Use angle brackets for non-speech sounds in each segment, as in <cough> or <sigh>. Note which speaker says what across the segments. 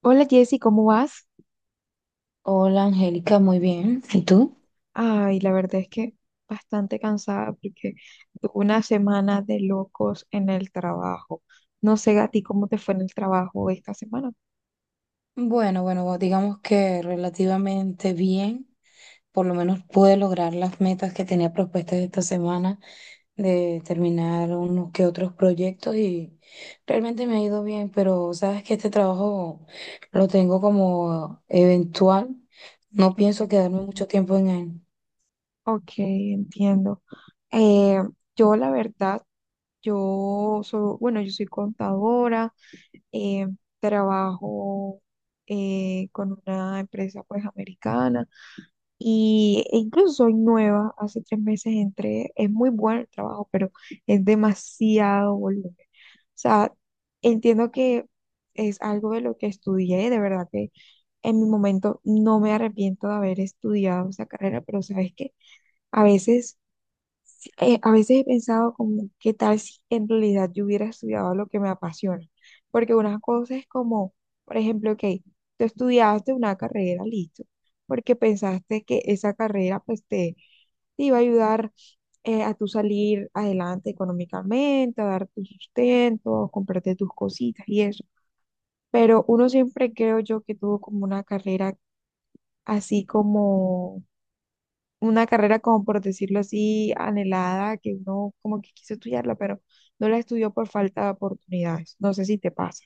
Speaker 1: Hola Jessy, ¿cómo vas?
Speaker 2: Hola Angélica, muy bien. ¿Y tú?
Speaker 1: Ay, la verdad es que bastante cansada porque tuve una semana de locos en el trabajo. No sé a ti cómo te fue en el trabajo esta semana.
Speaker 2: Bueno, digamos que relativamente bien. Por lo menos pude lograr las metas que tenía propuestas esta semana de terminar unos que otros proyectos y realmente me ha ido bien, pero sabes que este trabajo lo tengo como eventual. No pienso
Speaker 1: Ok,
Speaker 2: quedarme mucho tiempo en él.
Speaker 1: ok, entiendo. Eh, yo la verdad, yo soy, bueno, yo soy contadora, eh, trabajo con una empresa pues americana. Y incluso soy nueva, hace 3 meses entré, es muy bueno el trabajo, pero es demasiado volumen. O sea, entiendo que es algo de lo que estudié, de verdad que en mi momento no me arrepiento de haber estudiado esa carrera, pero sabes que a veces a veces he pensado como, ¿qué tal si en realidad yo hubiera estudiado lo que me apasiona? Porque una cosa es como, por ejemplo, ok, tú estudiaste una carrera, listo, porque pensaste que esa carrera pues te iba a ayudar a tú salir adelante económicamente, a dar tu sustento, a comprarte tus cositas y eso. Pero uno siempre creo yo que tuvo como una carrera así como una carrera como por decirlo así, anhelada, que uno como que quiso estudiarla, pero no la estudió por falta de oportunidades. No sé si te pasa.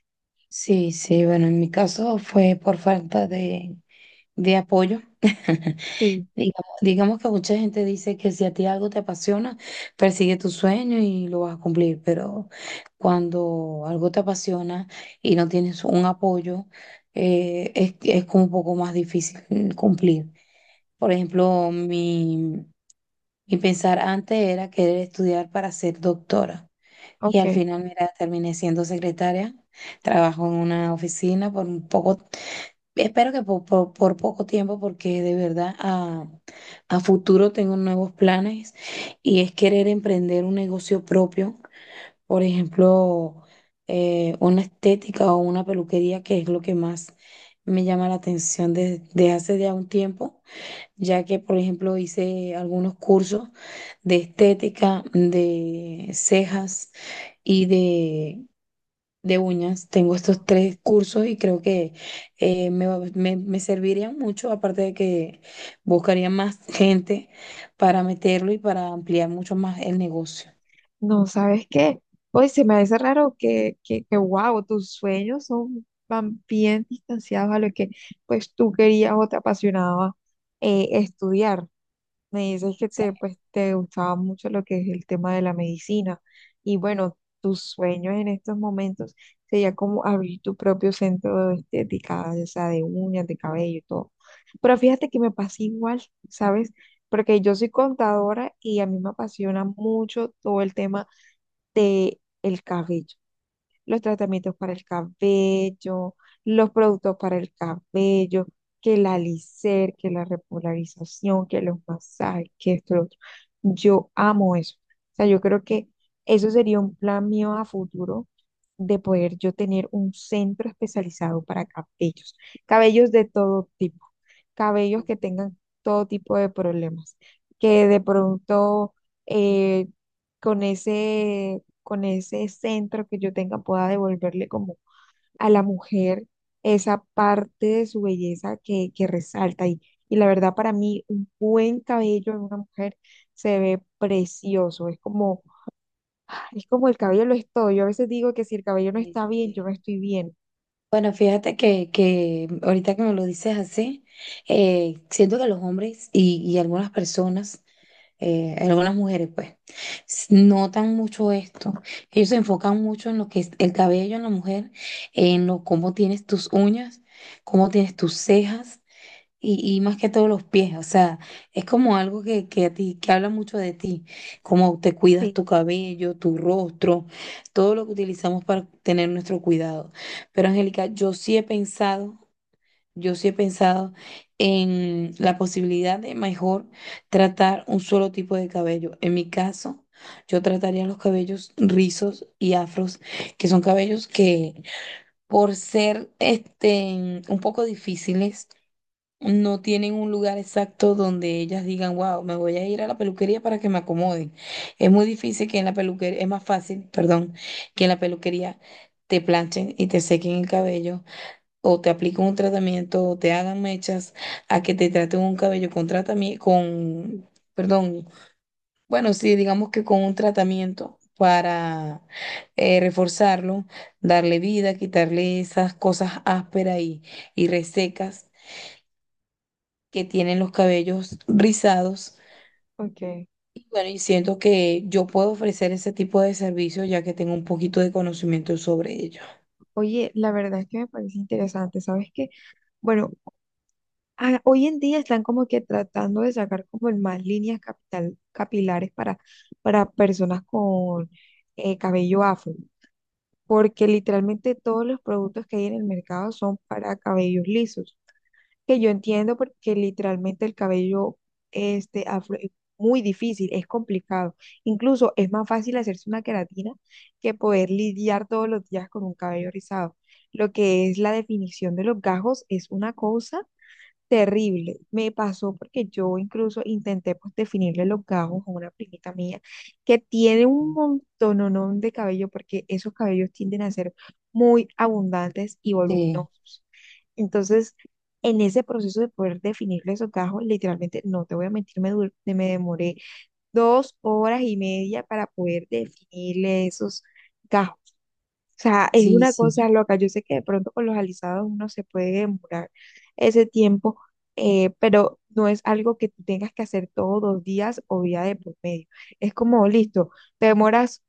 Speaker 2: Sí, sí, bueno, en mi caso fue por falta de apoyo. <laughs>
Speaker 1: Sí,
Speaker 2: Digamos que mucha gente dice que si a ti algo te apasiona, persigue tu sueño y lo vas a cumplir, pero cuando algo te apasiona y no tienes un apoyo, es como un poco más difícil
Speaker 1: sí.
Speaker 2: cumplir. Por ejemplo, mi pensar antes era querer estudiar para ser doctora y al
Speaker 1: Ok.
Speaker 2: final, mira, terminé siendo secretaria, trabajo en una oficina por un poco. Espero que poco tiempo, porque de verdad a futuro tengo nuevos planes y es querer emprender un negocio propio, por ejemplo, una estética o una peluquería, que es lo que más me llama la atención desde hace ya un tiempo, ya que, por ejemplo, hice algunos cursos de estética, de cejas y de uñas. Tengo estos
Speaker 1: Wow.
Speaker 2: tres cursos y creo que me servirían mucho, aparte de que buscaría más gente para meterlo y para ampliar mucho más el negocio.
Speaker 1: No, ¿sabes qué? Hoy se me hace raro que, wow, tus sueños son van bien distanciados a lo que pues tú querías o te apasionaba estudiar. Me dices que
Speaker 2: Sí.
Speaker 1: pues, te gustaba mucho lo que es el tema de la medicina y bueno, tus sueños en estos momentos sería como abrir tu propio centro de estética, o sea, de uñas, de cabello y todo. Pero fíjate que me pasa igual, ¿sabes? Porque yo soy contadora y a mí me apasiona mucho todo el tema del cabello, los tratamientos para el cabello, los productos para el cabello, que la alicer, que la repolarización, que los masajes, que esto, lo otro. Yo amo eso. O sea, yo creo que eso sería un plan mío a futuro, de poder yo tener un centro especializado para cabellos, cabellos de todo tipo, cabellos que tengan todo tipo de problemas, que de pronto eh, con ese con ese centro que yo tenga, pueda devolverle como a la mujer esa parte de su belleza que resalta. Y la verdad, para mí, un buen cabello en una mujer se ve precioso. Es como el cabello lo es todo. Yo a veces digo que si el cabello no
Speaker 2: Sí,
Speaker 1: está bien, yo
Speaker 2: sí.
Speaker 1: no estoy bien.
Speaker 2: Bueno, fíjate que ahorita que me lo dices así, siento que los hombres y algunas personas, algunas mujeres, pues notan mucho esto. Ellos se enfocan mucho en lo que es el cabello en la mujer, en lo cómo tienes tus uñas, cómo tienes tus cejas y más que todo los pies. O sea, es como algo que a ti, que habla mucho de ti, cómo te cuidas
Speaker 1: Sí.
Speaker 2: tu cabello, tu rostro, todo lo que utilizamos para tener nuestro cuidado. Pero Angélica, yo sí he pensado en la posibilidad de mejor tratar un solo tipo de cabello. En mi caso, yo trataría los cabellos rizos y afros, que son cabellos que por ser este, un poco difíciles, no tienen un lugar exacto donde ellas digan, wow, me voy a ir a la peluquería para que me acomoden. Es muy difícil que en la peluquería, es más fácil, perdón, que en la peluquería te planchen y te sequen el cabello o te apliquen un tratamiento, o te hagan mechas, a que te traten un cabello con tratamiento, con, perdón, bueno, sí, digamos que con un tratamiento para reforzarlo, darle vida, quitarle esas cosas ásperas y resecas que tienen los cabellos rizados.
Speaker 1: Ok.
Speaker 2: Y bueno, y siento que yo puedo ofrecer ese tipo de servicio ya que tengo un poquito de conocimiento sobre ello.
Speaker 1: Oye, la verdad es que me parece interesante, ¿sabes qué? Bueno, hoy en día están como que tratando de sacar como en más líneas capital, capilares para personas con cabello afro, porque literalmente todos los productos que hay en el mercado son para cabellos lisos, que yo entiendo porque literalmente el cabello este afro es muy difícil, es complicado. Incluso es más fácil hacerse una queratina que poder lidiar todos los días con un cabello rizado. Lo que es la definición de los gajos es una cosa terrible. Me pasó porque yo incluso intenté pues definirle los gajos a una primita mía que tiene un montononón de cabello porque esos cabellos tienden a ser muy abundantes y
Speaker 2: Sí,
Speaker 1: voluminosos. Entonces, en ese proceso de poder definirle esos gajos, literalmente, no te voy a mentir, me demoré 2 horas y media para poder definirle esos gajos, sea, es
Speaker 2: sí,
Speaker 1: una
Speaker 2: sí.
Speaker 1: cosa loca. Yo sé que de pronto con los alisados uno se puede demorar ese tiempo, pero no es algo que tú tengas que hacer todos los días o día de por medio. Es como, listo, te demoras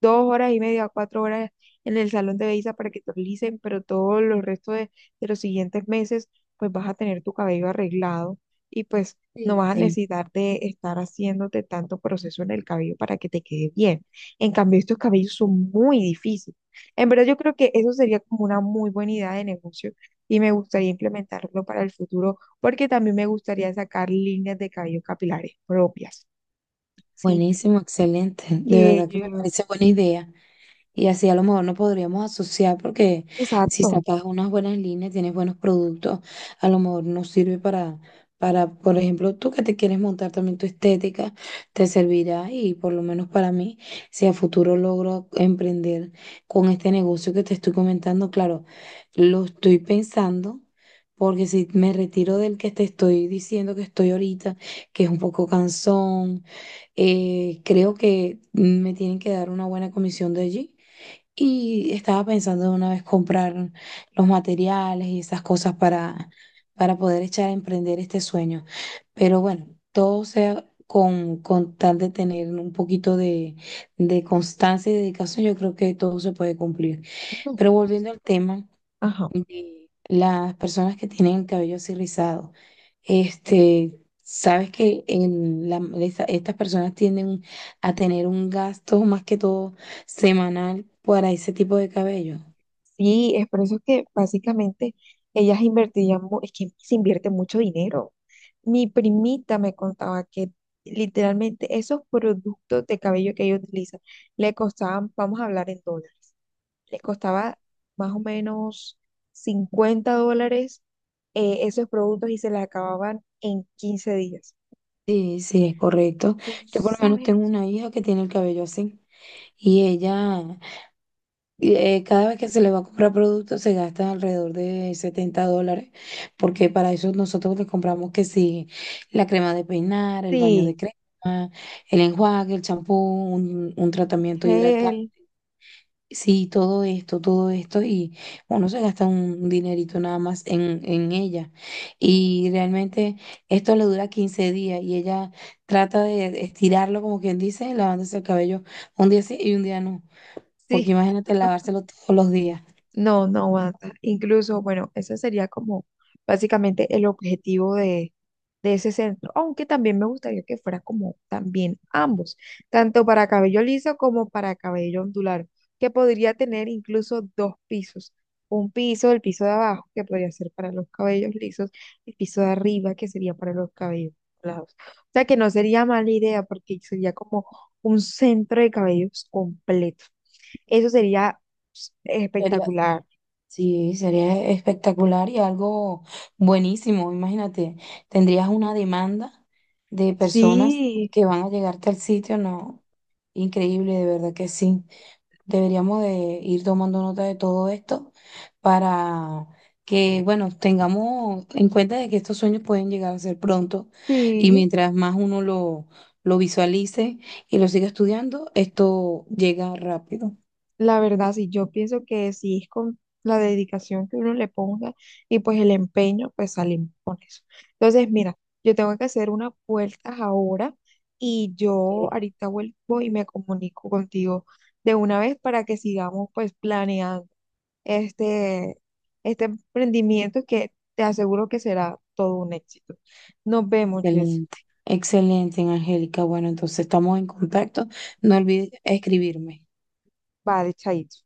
Speaker 1: 2 horas y media, 4 horas en el salón de belleza para que te alisen, pero todos los restos de los siguientes meses, pues vas a tener tu cabello arreglado y pues no
Speaker 2: Sí,
Speaker 1: vas a
Speaker 2: sí,
Speaker 1: necesitar de estar haciéndote tanto proceso en el cabello para que te quede bien. En cambio, estos cabellos son muy difíciles. En verdad yo creo que eso sería como una muy buena idea de negocio y me gustaría implementarlo para el futuro, porque también me gustaría sacar líneas de cabello capilares propias, ¿sí?
Speaker 2: buenísimo, excelente. De
Speaker 1: Que
Speaker 2: verdad que me
Speaker 1: yo...
Speaker 2: parece buena idea. Y así a lo mejor nos podríamos asociar porque si
Speaker 1: Exacto.
Speaker 2: sacas unas buenas líneas, tienes buenos productos, a lo mejor nos sirve para, por ejemplo, tú que te quieres montar también tu estética, te servirá y por lo menos para mí, si a futuro logro emprender con este negocio que te estoy comentando, claro, lo estoy pensando. Porque si me retiro del que te estoy diciendo que estoy ahorita, que es un poco cansón, eh, creo que me tienen que dar una buena comisión de allí. Y estaba pensando de una vez comprar los materiales y esas cosas para poder echar a emprender este sueño. Pero bueno, todo sea con tal de tener un poquito de constancia y dedicación, yo creo que todo se puede cumplir.
Speaker 1: No.
Speaker 2: Pero volviendo al tema
Speaker 1: Ajá.
Speaker 2: de las personas que tienen el cabello así rizado. Este, sabes que estas personas tienden a tener un gasto más que todo semanal para ese tipo de cabello.
Speaker 1: Sí, es por eso que básicamente ellas invertirían, es que se invierte mucho dinero. Mi primita me contaba que literalmente esos productos de cabello que ella utiliza le costaban, vamos a hablar en dólares. Le costaba más o menos $50 esos productos y se les acababan en 15 días.
Speaker 2: Sí, sí, es correcto.
Speaker 1: Tú
Speaker 2: Yo por lo menos
Speaker 1: sabes.
Speaker 2: tengo una hija que tiene el cabello así y ella, cada vez que se le va a comprar productos se gasta alrededor de $70, porque para eso nosotros le compramos que sí, la crema de peinar, el baño
Speaker 1: Sí,
Speaker 2: de crema, el enjuague, el champú, un tratamiento hidratante.
Speaker 1: gel,
Speaker 2: Sí, todo esto, y uno se gasta un dinerito nada más en ella. Y realmente esto le dura 15 días y ella trata de estirarlo, como quien dice, lavándose el cabello un día sí y un día no. Porque
Speaker 1: sí.
Speaker 2: imagínate lavárselo todos los días.
Speaker 1: No, no aguanta. Incluso, bueno, ese sería como básicamente el objetivo de ese centro, aunque también me gustaría que fuera como también ambos, tanto para cabello liso como para cabello ondulado, que podría tener incluso dos pisos. Un piso, el piso de abajo, que podría ser para los cabellos lisos, el piso de arriba, que sería para los cabellos ondulados. O sea que no sería mala idea porque sería como un centro de cabellos completo. Eso sería pues,
Speaker 2: Sería,
Speaker 1: espectacular.
Speaker 2: sí, sería espectacular y algo buenísimo. Imagínate, tendrías una demanda de personas
Speaker 1: Sí,
Speaker 2: que van a llegarte al sitio, ¿no? Increíble, de verdad que sí. Deberíamos de ir tomando nota de todo esto para que, bueno, tengamos en cuenta de que estos sueños pueden llegar a ser pronto y
Speaker 1: sí,
Speaker 2: mientras más uno lo visualice y lo siga estudiando, esto llega rápido.
Speaker 1: la verdad, sí, yo pienso que sí es con la dedicación que uno le ponga y pues el empeño, pues salimos con eso. Entonces, mira, yo tengo que hacer unas vueltas ahora y yo ahorita vuelvo y me comunico contigo de una vez para que sigamos pues planeando este, este emprendimiento que te aseguro que será todo un éxito. Nos vemos, Jessy.
Speaker 2: Excelente, excelente, Angélica. Bueno, entonces estamos en contacto. No olvides escribirme.
Speaker 1: Vale, chaito.